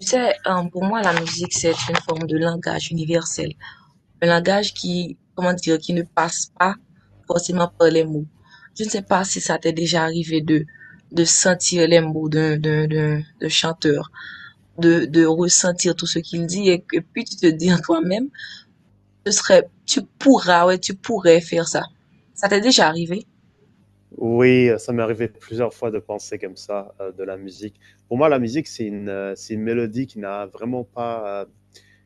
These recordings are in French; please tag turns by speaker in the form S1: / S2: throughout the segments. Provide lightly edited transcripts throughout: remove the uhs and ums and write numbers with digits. S1: Tu sais, pour moi, la musique, c'est une forme de langage universel, un langage qui, comment dire, qui ne passe pas forcément par les mots. Je ne sais pas si ça t'est déjà arrivé de, sentir les mots d'un chanteur, de ressentir tout ce qu'il dit et, que puis tu te dis en toi-même, ce serait, tu pourras, ouais, tu pourrais faire ça. Ça t'est déjà arrivé?
S2: Oui, ça m'est arrivé plusieurs fois de penser comme ça, de la musique. Pour moi, la musique, c'est c'est une mélodie qui n'a vraiment pas,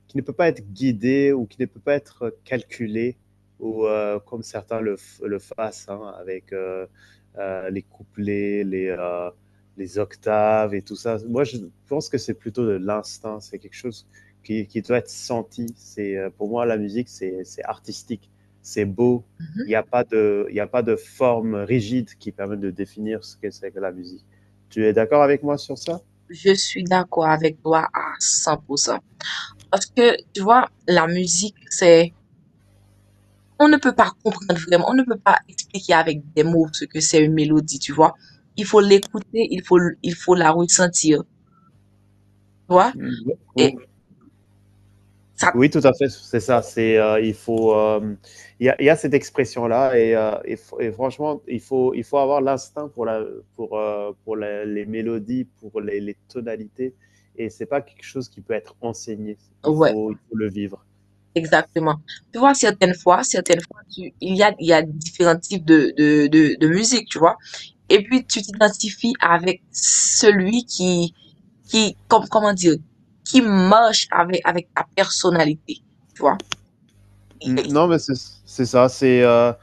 S2: qui ne peut pas être guidé ou qui ne peut pas être calculé ou comme certains le fassent hein, avec les couplets, les octaves et tout ça. Moi, je pense que c'est plutôt de l'instinct, c'est quelque chose qui doit être senti. Pour moi, la musique, c'est artistique, c'est beau.
S1: Mhm.
S2: Il y a pas de forme rigide qui permet de définir ce que c'est que la musique. Tu es d'accord avec moi sur ça?
S1: Je suis d'accord avec toi à 100%. Parce que, tu vois, la musique, c'est on ne peut pas comprendre vraiment, on ne peut pas expliquer avec des mots ce que c'est une mélodie, tu vois. Il faut l'écouter, il faut la ressentir, tu vois.
S2: Mm.
S1: Et
S2: Ou
S1: ça,
S2: Oui, tout à fait, c'est ça. Il y a cette expression-là et franchement, il faut avoir l'instinct pour la- les mélodies, pour les tonalités. Et c'est pas quelque chose qui peut être enseigné.
S1: ouais,
S2: Il faut le vivre.
S1: exactement. Tu vois, certaines fois, il y a différents types de musique, tu vois. Et puis, tu t'identifies avec celui qui, comment dire, qui marche avec, avec ta personnalité, tu vois.
S2: Mm, non, mais c'est ça. C'est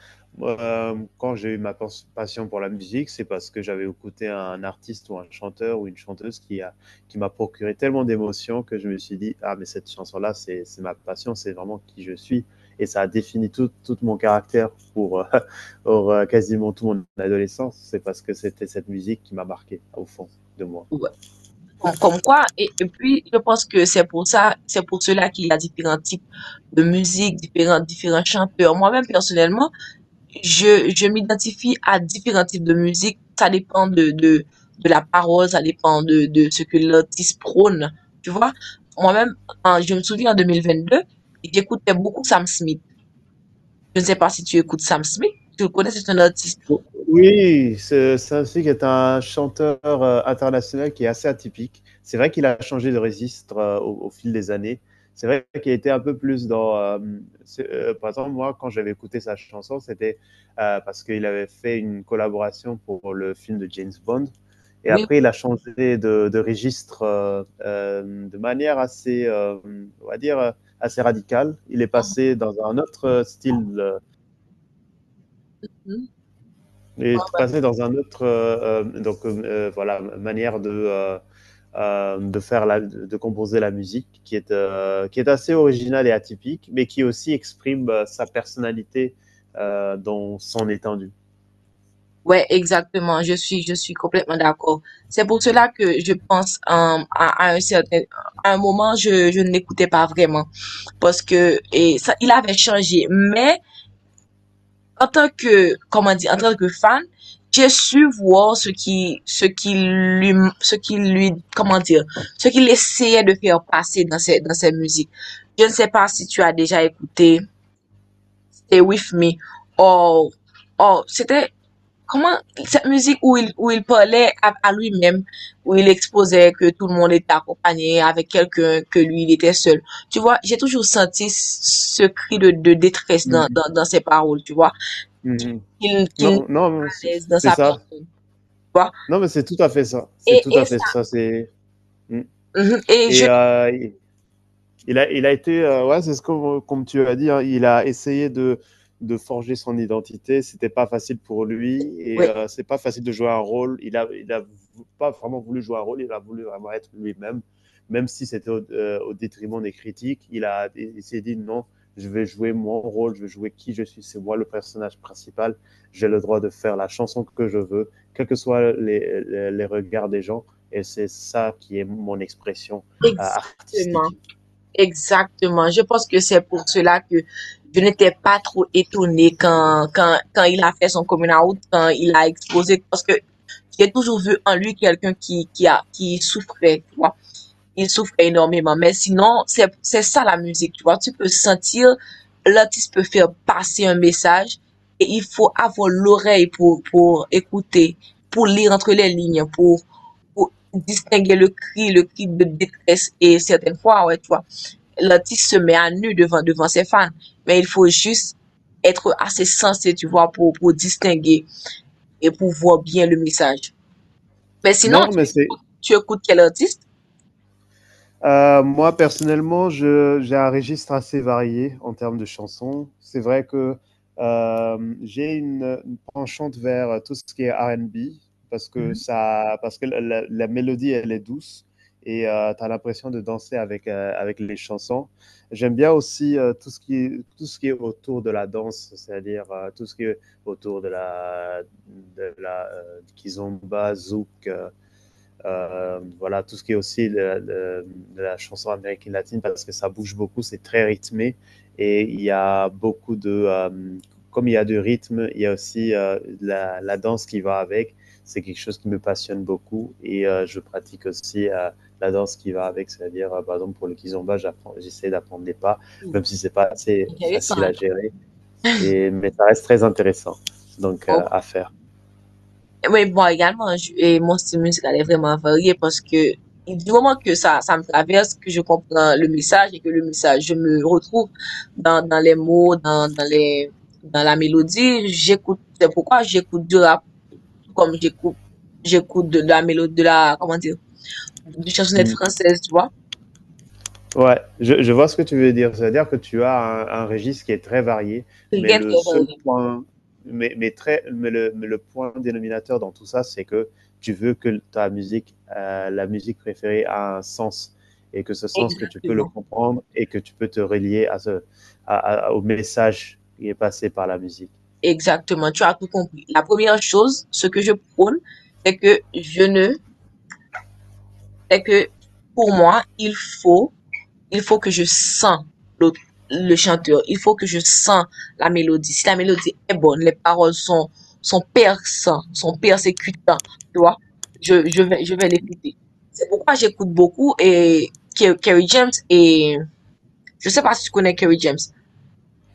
S2: quand j'ai eu ma passion pour la musique, c'est parce que j'avais écouté un artiste ou un chanteur ou une chanteuse qui m'a procuré tellement d'émotions que je me suis dit, ah, mais cette chanson-là, c'est ma passion, c'est vraiment qui je suis. Et ça a défini tout mon caractère pour, pour, quasiment toute mon adolescence. C'est parce que c'était cette musique qui m'a marqué au fond de moi.
S1: Comme quoi, et puis je pense que c'est pour cela qu'il y a différents types de musique, différents chanteurs. Moi-même, personnellement, je m'identifie à différents types de musique. Ça dépend de la parole, ça dépend de ce que l'artiste prône. Tu vois, moi-même, je me souviens en 2022, j'écoutais beaucoup Sam Smith. Je ne sais pas si tu écoutes Sam Smith. Tu le connais, c'est un artiste.
S2: Oui, c'est aussi qui est un chanteur international qui est assez atypique. C'est vrai qu'il a changé de registre au fil des années. C'est vrai qu'il était un peu plus dans. Par exemple, moi, quand j'avais écouté sa chanson, c'était parce qu'il avait fait une collaboration pour le film de James Bond. Et
S1: Oui.
S2: après, il a changé de registre de manière assez, on va dire, assez radicale. Il est passé dans un autre style et de passer dans un autre, donc voilà, manière de de composer la musique, qui est assez originale et atypique, mais qui aussi exprime sa personnalité dans son étendue.
S1: Ouais, exactement. Je suis complètement d'accord. C'est pour cela que je pense à un certain, à un moment, je ne l'écoutais pas vraiment parce que et ça, il avait changé. Mais en tant que, comment dire, en tant que fan, j'ai su voir ce qui, ce qui lui, comment dire, ce qu'il essayait de faire passer dans ses musiques. Je ne sais pas si tu as déjà écouté Stay With Me. Or, or c'était Comment cette musique où il parlait à lui-même, où il exposait que tout le monde était accompagné avec quelqu'un, que lui, il était seul. Tu vois, j'ai toujours senti ce cri de détresse dans,
S2: Mhm,
S1: dans, dans ses paroles, tu vois,
S2: mhm.
S1: qu'il n'était
S2: Non,
S1: pas
S2: non,
S1: à
S2: c'est
S1: l'aise dans
S2: c'est
S1: sa
S2: ça.
S1: personne, tu vois.
S2: Non, mais c'est tout à fait ça. C'est
S1: Et,
S2: tout à
S1: et
S2: fait
S1: ça,
S2: ça. C'est Mm.
S1: mhm,
S2: et, euh, il a été, ouais, c'est ce qu'on tu as dit, hein, il a essayé de forger son identité, c'était pas facile pour lui et
S1: ouais,
S2: c'est pas facile de jouer un rôle. Il a pas vraiment voulu jouer un rôle, il a voulu vraiment être lui-même, même si c'était au détriment des critiques. Il s'est dit non, je vais jouer mon rôle, je vais jouer qui je suis, c'est moi le personnage principal. J'ai le droit de faire la chanson que je veux, quels que soient les regards des gens et c'est ça qui est mon expression
S1: exactement,
S2: artistique.
S1: exactement. Je pense que c'est pour cela que je n'étais pas trop étonnée quand il a fait son coming out, quand il a exposé, parce que j'ai toujours vu en lui quelqu'un qui, qui souffrait, tu vois. Il souffrait énormément. Mais sinon, c'est ça la musique, tu vois. Tu peux sentir, l'artiste peut faire passer un message et il faut avoir l'oreille pour écouter, pour lire entre les lignes, pour distinguer le cri de détresse. Et certaines fois, ouais, tu vois, l'artiste se met à nu devant, devant ses fans. Mais il faut juste être assez sensé, tu vois, pour distinguer et pour voir bien le message. Mais sinon,
S2: Non, mais c'est
S1: tu écoutes quel artiste?
S2: moi personnellement, je j'ai un registre assez varié en termes de chansons. C'est vrai que j'ai une penchante vers tout ce qui est R&B parce que
S1: Mhm.
S2: ça, parce que la mélodie elle est douce et tu as l'impression de danser avec avec les chansons. J'aime bien aussi tout ce qui est, tout ce qui est autour de la danse, c'est-à-dire tout ce qui est autour de la kizomba, zouk. Voilà, Tout ce qui est aussi de, la chanson américaine latine parce que ça bouge beaucoup, c'est très rythmé et il y a beaucoup comme il y a du rythme, il y a aussi la danse qui va avec. C'est quelque chose qui me passionne beaucoup et je pratique aussi la danse qui va avec, c'est-à-dire par exemple pour le kizomba, j'essaie d'apprendre des pas,
S1: Hmm,
S2: même si c'est pas assez
S1: intéressant,
S2: facile
S1: hein?
S2: à gérer, mais ça reste très intéressant donc
S1: Oh.
S2: à faire.
S1: Mais bon, également, et mon style musical est vraiment varié parce que du moment que ça me traverse, que je comprends le message et que le message, je me retrouve dans, dans les mots, dans la mélodie, j'écoute, c'est pourquoi j'écoute du rap, tout comme j'écoute, j'écoute la mélodie, de la, comment dire, de chansonnette française, tu vois?
S2: Ouais, je vois ce que tu veux dire. C'est-à-dire que tu as un registre qui est très varié, mais
S1: Très,
S2: le
S1: très
S2: seul
S1: varié.
S2: point, mais très, mais le point dénominateur dans tout ça, c'est que tu veux que ta musique, la musique préférée a un sens et que ce sens que tu peux le
S1: Exactement.
S2: comprendre et que tu peux te relier à à- au message qui est passé par la musique.
S1: Exactement, tu as tout compris. La première chose, ce que je prône, c'est que je ne, c'est que pour moi, il faut que je sens l'autre- le chanteur, il faut que je sens la mélodie. Si la mélodie est bonne, les paroles sont, sont perçantes, sont persécutantes, tu vois, je vais l'écouter. C'est pourquoi j'écoute beaucoup et Kerry James et je sais pas si tu connais Kerry James.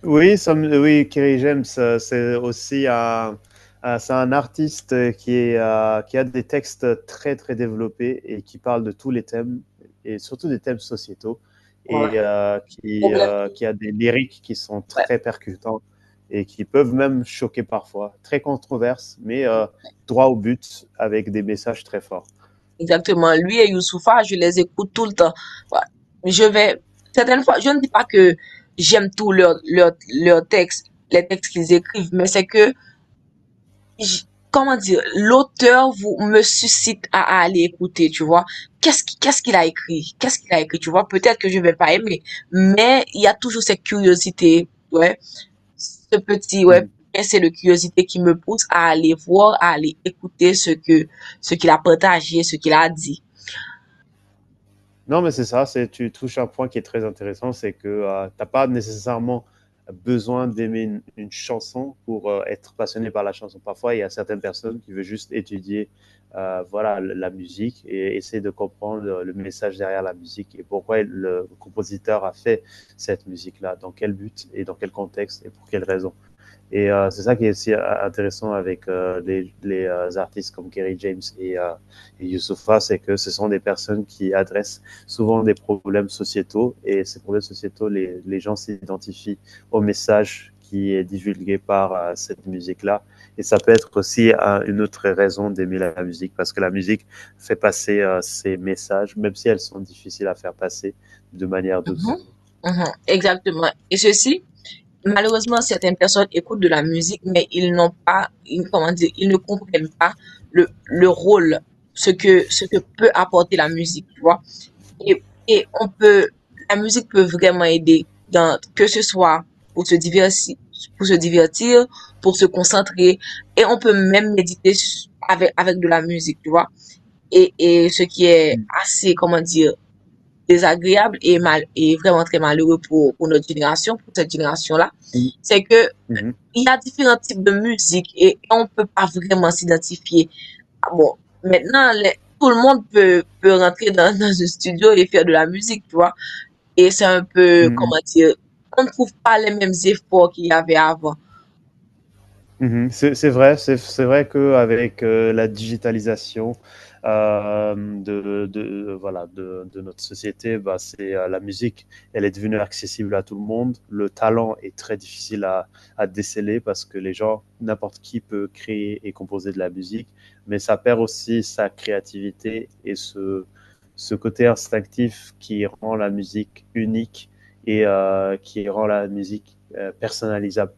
S2: Oui, Kerry James, c'est aussi c'est un artiste qui est qui a des textes très développés et qui parle de tous les thèmes, et surtout des thèmes sociétaux,
S1: Voilà.
S2: et euh, qui,
S1: Problème.
S2: euh, qui a des lyriques qui sont
S1: Ouais.
S2: très percutants et qui peuvent même choquer parfois, très controverses, mais droit au but avec des messages très forts.
S1: Exactement. Lui et Youssoupha, je les écoute tout le temps. Ouais. Je vais, certaines fois, je ne dis pas que j'aime tout leur, leur texte, les textes qu'ils écrivent, mais c'est que, j- comment dire, l'auteur me suscite à aller écouter, tu vois. Qu'est-ce qu'il a écrit? Qu'est-ce qu'il a écrit, tu vois? Peut-être que je vais pas aimer, mais il y a toujours cette curiosité, ouais. Ce petit, ouais.
S2: Hmm.
S1: C'est le curiosité qui me pousse à aller voir, à aller écouter ce que, ce qu'il a partagé, ce qu'il a dit.
S2: Non, mais c'est ça, c'est, tu touches un point qui est très intéressant, c'est que t'as pas nécessairement besoin d'aimer une chanson pour être passionné par la chanson. Parfois, il y a certaines personnes qui veulent juste étudier la musique et essayer de comprendre le message derrière la musique et pourquoi le compositeur a fait cette musique-là, dans quel but et dans quel contexte et pour quelle raison. Et c'est ça qui est aussi intéressant avec les artistes comme Kerry James et Youssoupha, c'est que ce sont des personnes qui adressent souvent des problèmes sociétaux et ces problèmes sociétaux, les gens s'identifient au message qui est divulgué par cette musique-là. Et ça peut être aussi une autre raison d'aimer la musique, parce que la musique fait passer ces messages, même si elles sont difficiles à faire passer de manière
S1: Mhm,
S2: douce.
S1: mhm, exactement. Et ceci, malheureusement, certaines personnes écoutent de la musique, mais ils n'ont pas, comment dire, ils ne comprennent pas le rôle, ce que peut apporter la musique, tu vois. Et la musique peut vraiment aider dans, que ce soit pour se divertir, pour se divertir, pour se concentrer, et on peut même méditer avec de la musique, tu vois. Et ce qui est
S2: Mm
S1: assez, comment dire, désagréable et et vraiment très malheureux pour notre génération, pour cette génération-là,
S2: -hmm.
S1: c'est que il y a différents types de musique et on peut pas vraiment s'identifier. Ah bon, maintenant, tout le monde peut, peut rentrer dans, dans un studio et faire de la musique, tu vois. Et c'est un peu,
S2: Mm -hmm.
S1: comment dire, on ne trouve pas les mêmes efforts qu'il y avait avant.
S2: Mhm. C'est vrai, c'est vrai qu'avec, la digitalisation, de de notre société, bah, c'est, la musique, elle est devenue accessible à tout le monde. Le talent est très difficile à déceler parce que les gens n'importe qui peut créer et composer de la musique, mais ça perd aussi sa créativité et ce côté instinctif qui rend la musique unique et qui rend la musique, personnalisable.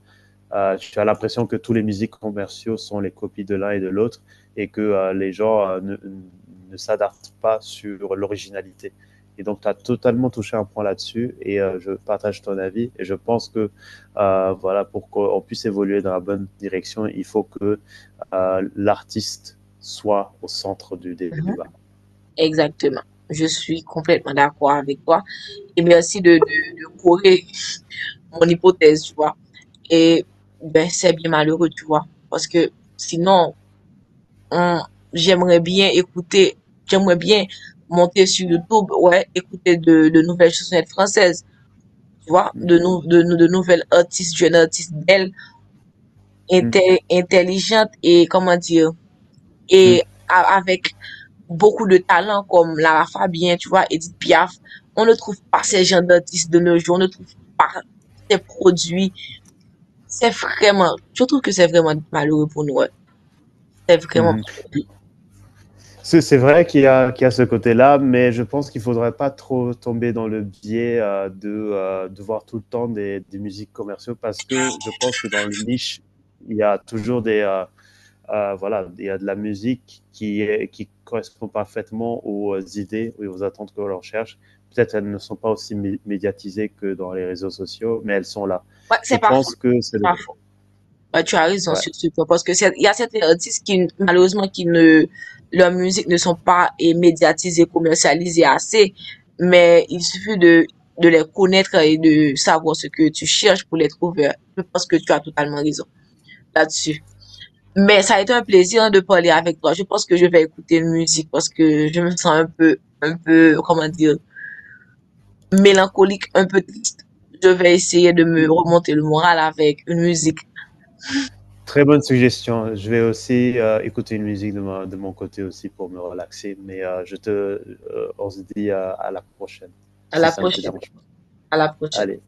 S2: Tu as l'impression que tous les musiques commerciaux sont les copies de l'un et de l'autre et que les gens ne, ne s'adaptent pas sur l'originalité. Et donc, tu as totalement touché un point là-dessus et je partage ton avis. Et je pense que, voilà, pour qu'on puisse évoluer dans la bonne direction, il faut que l'artiste soit au centre du
S1: Mhm.
S2: débat.
S1: Exactement. Je suis complètement d'accord avec toi. Et merci de corriger mon hypothèse, tu vois. Et ben, c'est bien malheureux, tu vois. Parce que sinon, on- j'aimerais bien écouter, j'aimerais bien monter sur YouTube, ouais, écouter de nouvelles chansonnettes françaises, tu vois,
S2: Mm
S1: de nouvelles artistes, jeunes artistes belles,
S2: -hmm.
S1: intelligentes et, comment dire, et avec beaucoup de talents comme Lara Fabian, tu vois, Edith Piaf. On ne trouve pas ces gens d'artistes de nos jours, on ne trouve pas ces produits. C'est vraiment, je trouve que c'est vraiment malheureux pour nous. Ouais. C'est vraiment,
S2: Mm -hmm. C'est vrai qu'il y a ce côté-là, mais je pense qu'il ne faudrait pas trop tomber dans le biais de voir tout le temps des musiques commerciaux parce que je pense que dans le niche, il y a toujours il y a de la musique qui correspond parfaitement aux idées et aux attentes que l'on recherche. Peut-être elles ne sont pas aussi médiatisées que dans les réseaux sociaux, mais elles sont là.
S1: ouais,
S2: Je
S1: c'est pas faux,
S2: pense que c'est
S1: c'est
S2: le...
S1: pas faux. Ouais, tu as raison
S2: ouais.
S1: sur ce point parce que il y a certains artistes qui, malheureusement, qui ne, leur musique ne sont pas médiatisées, commercialisées assez, mais il suffit de les connaître et de savoir ce que tu cherches pour les trouver, hein. Je pense que tu as totalement raison là-dessus. Mais ça a été un plaisir, hein, de parler avec toi. Je pense que je vais écouter une musique parce que je me sens un peu, comment dire, mélancolique, un peu triste. Je vais essayer de me remonter le moral avec une musique.
S2: Très bonne suggestion. Je vais aussi écouter une musique de mon côté aussi pour me relaxer. Mais on se dit à la prochaine,
S1: À
S2: si
S1: la
S2: ça ne te
S1: prochaine.
S2: dérange pas.
S1: À la prochaine.
S2: Allez,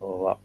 S2: au revoir.